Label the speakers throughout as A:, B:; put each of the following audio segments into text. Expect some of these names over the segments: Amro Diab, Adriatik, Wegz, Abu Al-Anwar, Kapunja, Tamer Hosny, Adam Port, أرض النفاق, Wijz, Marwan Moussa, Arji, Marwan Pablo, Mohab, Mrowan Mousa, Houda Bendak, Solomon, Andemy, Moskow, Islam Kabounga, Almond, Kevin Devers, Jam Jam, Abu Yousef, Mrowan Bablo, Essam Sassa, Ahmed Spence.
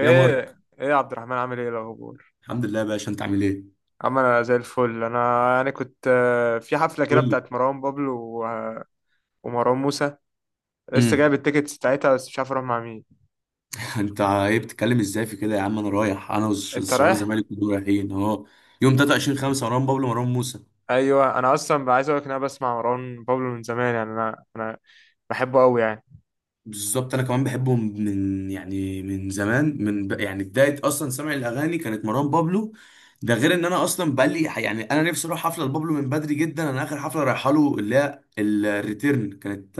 A: يا مارك.
B: ايه يا عبد الرحمن، عامل ايه الاخبار؟
A: الحمد لله يا باشا، انت عامل ايه؟
B: عم، زي الفل. انا كنت في حفله كده
A: قول لي.
B: بتاعت مروان بابلو و- ومروان موسى. لسه جايب
A: امم
B: التيكتس بتاعتها بس مش عارف اروح مع مين.
A: انت ايه بتتكلم ازاي في كده يا عم؟ انا رايح، انا
B: انت
A: والشباب
B: رايح؟
A: الزمالك كلهم رايحين اهو. يوم 23 5، مروان بابلو، مروان موسى.
B: ايوه، انا اصلا بقى عايز اقول لك ان انا بسمع مروان بابلو من زمان يعني انا بحبه قوي يعني.
A: بالظبط، انا كمان بحبهم من زمان، من ب... يعني بدايه اصلا سمع الاغاني كانت مروان بابلو. ده غير ان انا اصلا بقالي، يعني انا نفسي اروح حفله لبابلو من بدري جدا. انا اخر حفله رايحه له، اللي هي الريتيرن، كانت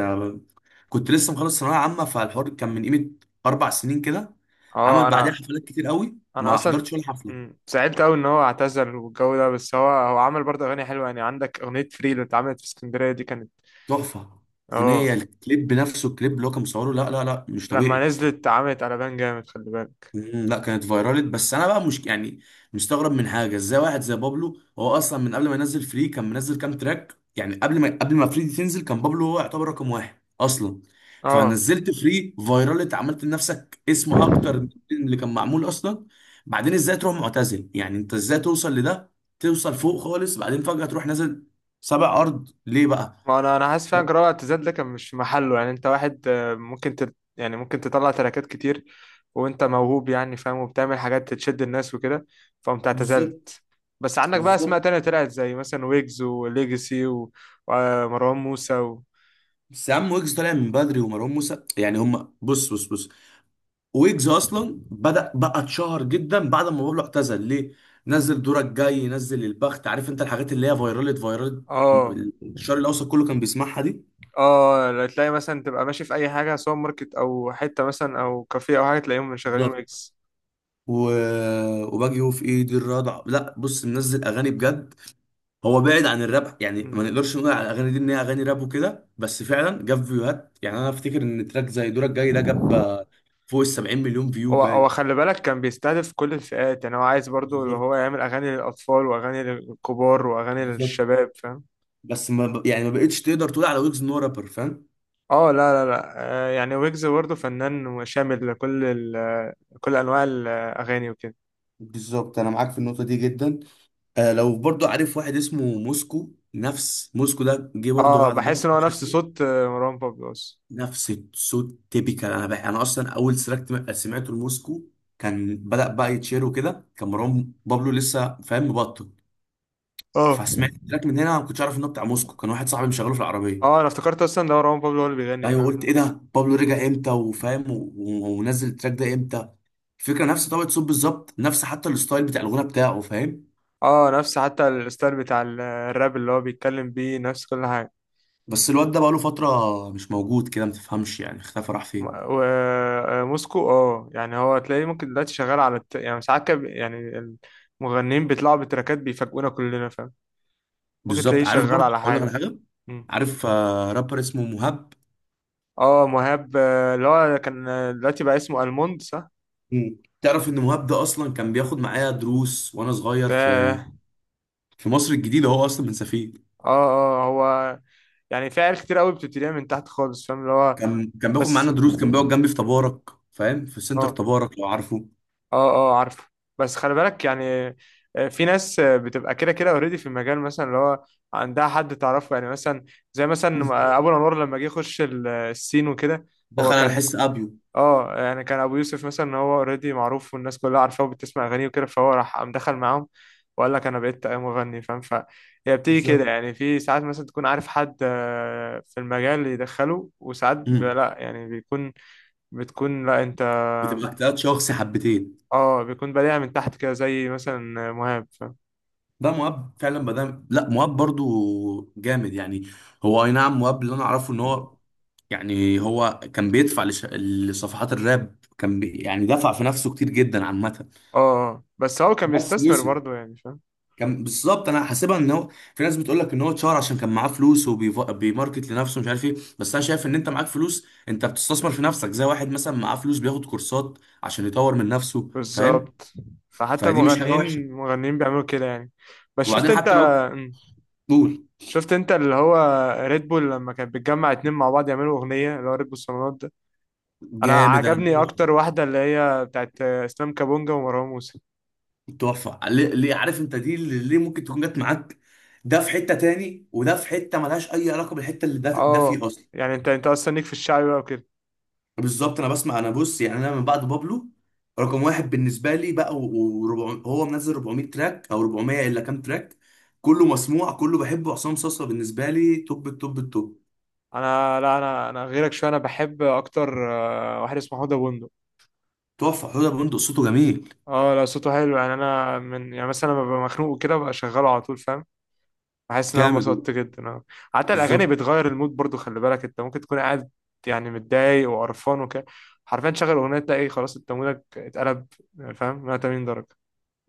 A: كنت لسه مخلص ثانويه عامه، فالحوار كان من قيمه 4 سنين كده. عمل
B: اه
A: بعدها
B: انا
A: حفلات كتير قوي،
B: انا
A: ما
B: اصلا.
A: حضرتش ولا حفله.
B: زعلت قوي ان هو اعتزل والجو ده، بس هو عمل برضه اغاني حلوه. يعني عندك اغنيه فري اللي اتعملت في اسكندريه دي كانت
A: تحفه. اغنيه
B: اه.
A: الكليب نفسه، الكليب اللي هو كان مصوره، لا لا لا، مش طبيعي.
B: لما نزلت اتعملت على بان جامد، خلي بالك.
A: مم، لا، كانت فايرالت. بس انا بقى مش، يعني، مستغرب من حاجه. ازاي واحد زي بابلو هو اصلا من قبل ما ينزل فري كان منزل كام تراك؟ يعني قبل ما فري دي تنزل، كان بابلو هو يعتبر رقم واحد اصلا.
B: اه،
A: فنزلت فري فايرالت، عملت لنفسك اسم اكتر من اللي كان معمول اصلا. بعدين ازاي تروح معتزل؟ يعني انت ازاي توصل لده، توصل فوق خالص، بعدين فجاه تروح نازل سبع ارض؟ ليه بقى؟
B: ما انا انا حاسس فعلا جراءة اعتزال ده كان مش في محله. يعني انت واحد ممكن يعني ممكن تطلع تراكات كتير، وانت موهوب يعني، فاهم؟ وبتعمل حاجات تشد الناس وكده، فقمت
A: بالظبط.
B: اعتزلت. بس عندك بقى اسماء
A: بالظبط.
B: تانية طلعت، زي مثلا ويجز وليجسي ومروان موسى و...
A: بس يا عم، ويجز طالع من بدري، ومروان موسى يعني هم، بص بص بص، ويجز اصلا بدأ بقى اتشهر جدا بعد ما بابلو اعتزل. ليه؟ نزل دورك جاي، نزل البخت، عارف انت، الحاجات اللي هي فايرالت،
B: اه
A: الشرق الاوسط كله كان بيسمعها دي.
B: اه، لا تلاقي مثلا تبقى ماشي في اي حاجة، سوبر ماركت او حتة مثلا او كافيه او حاجة، تلاقيهم شغالين
A: بالظبط.
B: ويجز.
A: و... وباجي هو في ايدي الرضع، لا بص، منزل اغاني بجد. هو بعيد عن الراب يعني،
B: مم.
A: ما نقدرش نقول على الاغاني دي ان هي اغاني راب وكده، بس فعلا جاب فيوهات. يعني انا افتكر ان تراك زي دورك جاي ده جاب فوق ال 70 مليون فيو
B: هو
A: باين.
B: خلي بالك، كان بيستهدف كل الفئات. يعني هو عايز برضو اللي هو
A: بالظبط.
B: يعمل اغاني للاطفال واغاني للكبار واغاني
A: بالظبط.
B: للشباب، فاهم؟
A: بس ما ب... يعني ما بقتش تقدر تقول على ويجز ان هو رابر، فاهم.
B: اه لا. لا آه، يعني ويجز برضو فنان وشامل لكل ال، كل انواع الاغاني وكده.
A: بالظبط، انا معاك في النقطه دي جدا. آه، لو برضو عارف واحد اسمه موسكو. نفس موسكو ده جه برضو
B: اه
A: بعد
B: بحس
A: بابا
B: ان هو نفس
A: شافه.
B: صوت مروان بابلو اصلا.
A: نفس الصوت تيبيكال. انا بقى انا اصلا اول سرقت سمعته لموسكو كان بدأ بقى يتشير وكده، كان مروان بابلو لسه، فاهم، مبطل.
B: اه
A: فسمعت التراك من هنا، ما كنتش عارف انه بتاع موسكو. كان واحد صاحبي مشغله في العربيه.
B: اه، انا افتكرت اصلا ده مروان بابلو هو اللي بيغني،
A: ايوه،
B: فاهم؟
A: قلت ايه ده؟ بابلو رجع امتى وفاهم ونزل التراك ده امتى؟ الفكره نفس طبقه صوت بالظبط، نفس حتى الستايل بتاع الغنى بتاعه، فاهم.
B: اه، نفس حتى الستايل بتاع الراب اللي هو بيتكلم بيه، نفس كل حاجة.
A: بس الواد ده بقاله فترة مش موجود كده، ما تفهمش، يعني اختفى، راح فين؟
B: ما- و- موسكو اه. يعني هو تلاقيه ممكن دلوقتي شغال على يعني ساعات يعني المغنيين بيطلعوا بتراكات بيفاجئونا كلنا، فاهم؟ ممكن تلاقيه
A: بالظبط. عارف
B: شغال
A: برضه؟
B: على
A: اقول لك على
B: حاجة.
A: حاجة.
B: مم.
A: عارف رابر اسمه مهاب؟
B: اه مهاب، اللي هو كان دلوقتي بقى اسمه الموند، صح؟
A: مم. تعرف ان مهاب ده اصلا كان بياخد معايا دروس وانا صغير
B: ده
A: في
B: اه.
A: مصر الجديدة. هو اصلا من سفيه.
B: اه هو، يعني في عيال كتير قوي بتبتديها من تحت خالص، فاهم؟ اللي هو
A: كان بياخد معانا
B: بس
A: دروس، كان بيقعد جنبي في تبارك، فاهم، في سنتر
B: اه.
A: تبارك لو عارفه.
B: اه اه عارفه. بس خلي بالك يعني في ناس بتبقى كده كده اوريدي في المجال، مثلا اللي هو عندها حد تعرفه، يعني مثلا زي مثلا
A: بالظبط.
B: ابو الانوار لما جه يخش السين وكده. هو
A: دخل على
B: كان
A: حس ابيو.
B: اه. يعني كان ابو يوسف مثلا، هو اوريدي معروف والناس كلها عارفاه وبتسمع اغانيه وكده، فهو راح قام دخل معاهم وقال لك انا بقيت مغني، فاهم؟ فهي بتيجي كده.
A: بالظبط.
B: يعني في ساعات مثلا تكون عارف حد في المجال يدخله، وساعات
A: امم
B: لا يعني بيكون، بتكون لا انت.
A: بتبقى اجتهاد شخصي حبتين.
B: اه بيكون بدايع من تحت كده، زي مثلا مهاب فاهم.
A: ده مؤاب فعلا بدأ، لا مؤاب برضو جامد يعني. هو اي نعم، مؤاب اللي انا اعرفه ان هو، يعني هو كان بيدفع لصفحات الراب، كان بي... يعني دفع في نفسه كتير جدا عامة.
B: اه آه. بس هو كان
A: بس
B: بيستثمر
A: وصل.
B: برضه، يعني فاهم.
A: كان بالظبط، انا حاسبها ان هو، في ناس بتقول لك ان هو اتشهر عشان كان معاه فلوس وبيماركت لنفسه، مش عارف ايه. بس انا شايف ان انت معاك فلوس انت بتستثمر في نفسك، زي واحد مثلا معاه فلوس بياخد كورسات عشان يطور من نفسه، فاهم.
B: بالظبط، فحتى
A: فدي مش حاجة وحشة.
B: مغنيين بيعملوا كده يعني. بس شفت
A: وبعدين
B: انت.
A: حتى لو.
B: مم.
A: قول.
B: شفت انت اللي هو ريد بول لما كانت بتجمع اتنين مع بعض يعملوا اغنية، اللي هو ريد بول صالونات ده. انا
A: جامد، انا
B: عجبني اكتر واحدة اللي هي بتاعت اسلام كابونجا ومروان موسى.
A: تحفة. ليه, ليه؟ عارف انت، دي اللي ليه ممكن تكون جت معاك. ده في حتة تاني وده في حتة ملهاش أي علاقة بالحتة اللي ده
B: اه،
A: فيه أصلا.
B: يعني انت اصلا ليك في الشعبي بقى وكده.
A: بالظبط. أنا بسمع، أنا بص يعني، أنا من بعد بابلو رقم واحد بالنسبة لي بقى، وربع هو منزل 400 تراك أو 400 إلا كام تراك. كله مسموع، كله بحبه. عصام صاصا بالنسبة لي توب التوب التوب.
B: انا لا، انا غيرك شويه، انا بحب اكتر واحد اسمه حوده بندق.
A: تحفة. حوده بندق صوته جميل.
B: اه لا صوته حلو يعني، انا من يعني مثلا لما ببقى مخنوق وكده ببقى شغاله على طول، فاهم؟ بحس ان انا
A: جامد.
B: انبسطت جدا اه. حتى الاغاني
A: بالظبط.
B: بتغير المود برضو، خلي بالك. انت ممكن تكون قاعد يعني متضايق وقرفان وكده، حرفيا تشغل اغنيه تلاقي خلاص انت مودك اتقلب، فاهم؟ 180 درجه.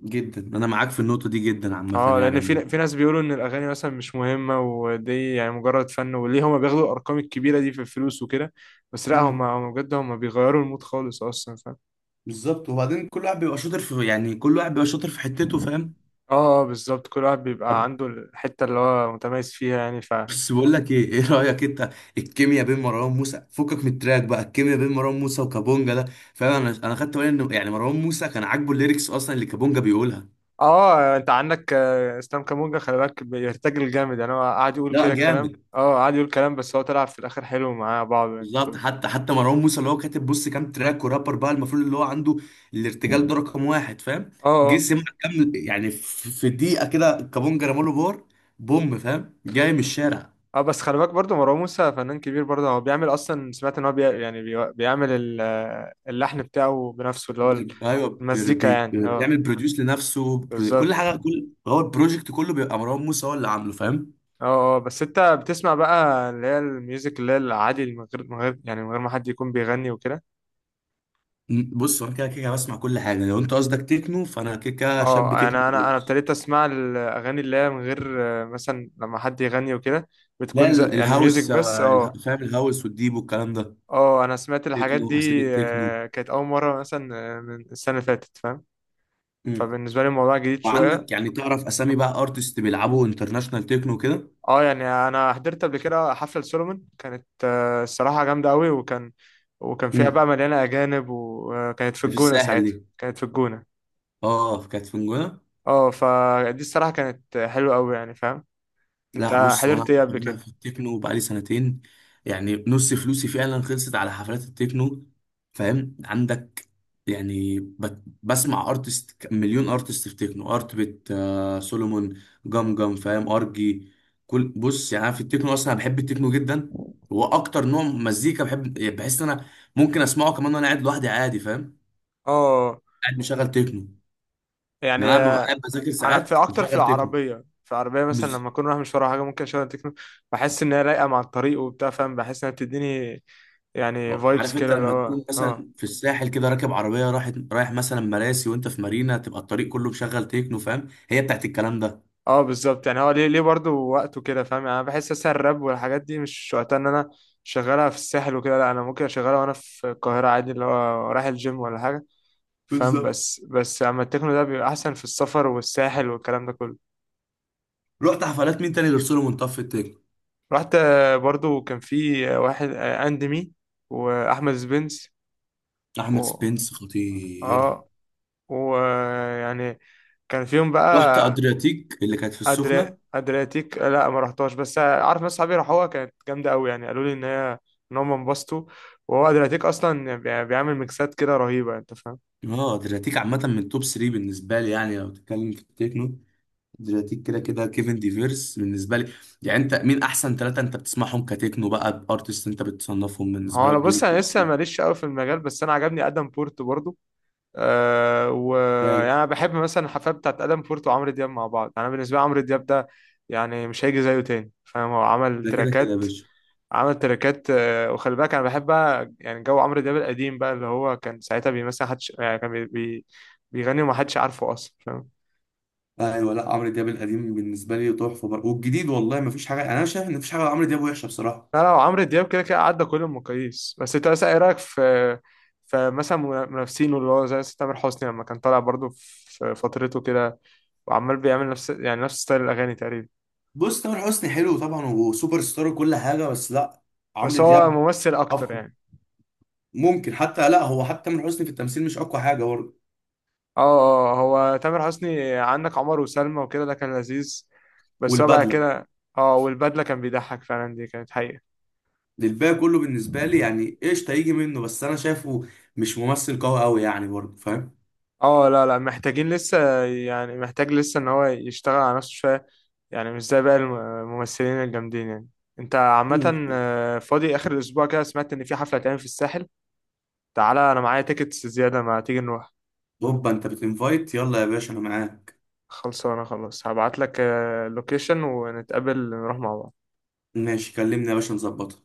A: جدا أنا معاك في النقطة دي جدا عامة
B: اه، لان في
A: يعني.
B: في ناس بيقولوا ان الاغاني مثلا مش مهمه ودي يعني مجرد فن، وليه هما بياخدوا الارقام الكبيره دي في الفلوس وكده؟ بس لا، هما
A: امم
B: هما بجد هما بيغيروا المود خالص اصلا، فاهم؟
A: بالظبط. وبعدين كل واحد بيبقى شاطر في، يعني كل واحد بيبقى شاطر في حتته، فاهم.
B: اه آه، بالظبط. كل واحد بيبقى
A: طب،
B: عنده الحته اللي هو متميز فيها يعني.
A: بس بقول لك ايه، ايه رايك انت، الكيمياء بين مروان موسى، فكك من التراك بقى، الكيمياء بين مروان موسى وكابونجا ده، فاهم، انا خدت بالي انه يعني مروان موسى كان عاجبه الليركس اصلا اللي كابونجا بيقولها.
B: اه، انت عندك اسلام كامونجا، خلي بالك بيرتجل جامد. يعني هو قاعد يقول
A: لا
B: كده الكلام،
A: جامد.
B: اه قاعد يقول كلام، بس هو طلع في الاخر حلو معاه بعض يعني.
A: بالظبط. حتى مروان موسى اللي هو كاتب، بص، كام تراك، ورابر بقى المفروض اللي هو عنده الارتجال ده رقم واحد، فاهم.
B: اه
A: جه
B: اه
A: سمع كام، يعني في دقيقه كده كابونجا رماله بار بوم، فاهم، جاي من الشارع.
B: اه. بس خلي بالك برضه مروان موسى فنان كبير برضه، هو بيعمل اصلا. سمعت ان هو بي يعني بي بيعمل اللحن بتاعه بنفسه، اللي هو
A: بي- ايوه بي-
B: المزيكا يعني
A: بي-
B: اه.
A: بيعمل بروديوس لنفسه، كل
B: بالظبط.
A: حاجه، كل هو البروجكت كله بيبقى مروان موسى هو اللي عامله، فاهم.
B: اه اه، بس انت بتسمع بقى اللي هي الميوزك اللي هي العادي، من غير من غير ما حد يكون بيغني وكده.
A: بص، هو انا كده كده بسمع كل حاجه. لو انت قصدك تكنو، فانا كده كده شاب
B: اه،
A: تكنو
B: انا
A: خالص.
B: ابتديت اسمع الاغاني اللي هي من غير مثلا لما حد يغني وكده،
A: لا،
B: بتكون زي يعني ميوزك
A: الهاوس،
B: بس اه.
A: فاهم، الهاوس والديب والكلام ده.
B: اه انا سمعت الحاجات
A: تكنو
B: دي
A: اسيدك تكنو.
B: كانت اول مره مثلا من السنه اللي فاتت، فاهم؟
A: مم.
B: فبالنسبه لي الموضوع جديد شويه.
A: وعندك يعني تعرف اسامي بقى، ارتست بيلعبوا انترناشونال تكنو كده؟
B: اه يعني انا حضرت قبل كده حفله سولومون، كانت الصراحه جامده قوي، وكان وكان فيها بقى
A: مم.
B: مليانه اجانب، وكانت في
A: ده في
B: الجونه.
A: الساحل
B: ساعتها
A: دي.
B: كانت في الجونه
A: اه، كانت في نجوى.
B: اه. فدي الصراحه كانت حلوه قوي، يعني فاهم.
A: لا
B: انت
A: بص، وانا
B: حضرت ايه قبل
A: انا
B: كده؟
A: في التكنو بقالي سنتين. يعني نص فلوسي فعلا خلصت على حفلات التكنو. فاهم عندك، يعني بسمع ارتست، مليون ارتست في تكنو، ارت بيت، سولومون، جام فاهم، ارجي، كل بص يعني. أنا في التكنو اصلا أنا بحب التكنو جدا. هو اكتر نوع مزيكا بحب، يعني بحس ان انا ممكن اسمعه كمان وانا قاعد لوحدي عادي، فاهم،
B: اه
A: قاعد مشغل تكنو.
B: يعني
A: لان انا ببقى قاعد بذاكر
B: انا في
A: ساعات
B: اكتر في
A: مشغل
B: العربيه في العربيه
A: تكنو.
B: مثلا، لما اكون رايح مش ورايا حاجه ممكن اشغل تكنو. بحس ان هي رايقه مع الطريق وبتاع، فاهم؟ بحس انها بتديني يعني
A: أه،
B: فايبس
A: عارف انت
B: كده اللي
A: لما
B: هو
A: تكون
B: اه.
A: مثلا في الساحل كده، راكب عربيه رايح مثلا مراسي وانت في مارينا، تبقى الطريق كله مشغل تكنو، فاهم، هي بتاعت الكلام ده.
B: اه بالظبط، يعني هو ليه ليه برضه وقته كده، فاهم؟ يعني انا بحس اساسا الراب والحاجات دي مش وقتها ان انا شغالها في الساحل وكده. لا انا ممكن اشغلها وانا في القاهره عادي، اللي هو رايح الجيم ولا حاجه، فاهم؟
A: بالظبط.
B: بس اما التكنو ده بيبقى احسن في السفر والساحل والكلام ده كله.
A: رحت حفلات مين تاني غير سولو منطاد في التكنو؟
B: رحت برضه. كان في واحد اندمي، واحمد سبنس
A: احمد
B: و...
A: سبنس خطير.
B: اه ويعني كان فيهم
A: رحت
B: بقى.
A: ادرياتيك اللي كانت في السخنه.
B: ادرياتيك لا ما رحتهاش، بس عارف ناس صحابي راحوها كانت جامده قوي، يعني قالوا لي ان هي ان هم انبسطوا. وهو ادرياتيك اصلا بيعمل ميكسات كده رهيبه، انت فاهم.
A: اه، ادرياتيك عامه من توب 3 بالنسبه لي، يعني لو بتتكلم في التكنو، ادرياتيك كده كده، كيفن ديفيرس بالنسبه لي. يعني انت مين احسن ثلاثه انت بتسمعهم كتكنو بقى، بارتست انت بتصنفهم بالنسبه
B: هو انا
A: لك دول
B: بص، انا
A: التوب
B: لسه
A: 3؟
B: ماليش قوي في المجال، بس انا عجبني ادم بورت برضو. أه ويعني
A: ده
B: انا بحب مثلا الحفلات بتاعت ادم بورت وعمرو دياب مع بعض. يعني انا بالنسبه لي عمرو دياب ده يعني مش هيجي زيه تاني، فاهم؟ هو عمل
A: ده كده كده يا
B: تراكات،
A: باشا.
B: عمل تريكات وخلي بالك، انا بحب بقى يعني جو عمرو دياب القديم بقى، اللي هو كان ساعتها بيمثل حدش. يعني كان بي بي بيغني وما حدش عارفه اصلا، فاهم؟
A: ايوه، لا عمرو دياب القديم بالنسبه لي تحفه برضه، والجديد والله ما فيش حاجه. انا شايف ان مفيش حاجه عمرو دياب وحشه بصراحه.
B: لا لا، عمرو دياب كده كده عدى كل المقاييس. بس انت مثلا ايه رايك في، فمثلا منافسينه اللي هو زي تامر حسني لما كان طالع برضه في فترته كده، وعمال بيعمل نفس يعني نفس ستايل الاغاني تقريبا؟
A: بص، تامر حسني حلو طبعا وسوبر ستار وكل حاجه، بس لا، عمرو
B: بس هو
A: دياب
B: ممثل اكتر
A: افضل.
B: يعني.
A: ممكن حتى، لا هو، حتى تامر حسني في التمثيل مش اقوى حاجه برضه.
B: اه اه آه، هو تامر حسني عندك عمر وسلمى وكده ده كان لذيذ، بس هو بقى
A: والبدله.
B: كده. اه والبدله، كان بيضحك فعلا، دي كانت حقيقة.
A: الباقي كله بالنسبه لي يعني قشطه يجي منه، بس انا شايفه مش ممثل قوي قوي يعني برضه، فاهم.
B: اه لا لا، محتاجين لسه. يعني محتاج لسه ان هو يشتغل على نفسه شوية، يعني مش زي باقي الممثلين الجامدين يعني. انت
A: مم.
B: عامة فاضي اخر الاسبوع كده؟ سمعت ان في حفلة هتعمل في الساحل، تعالى انا معايا تيكتس زيادة، ما تيجي نروح.
A: هوبا، انت بتنفايت، يلا يا باشا انا معاك.
B: خلصانة خلاص، هبعت لك اللوكيشن ونتقابل نروح مع بعض.
A: ماشي، كلمني يا باشا نظبطها.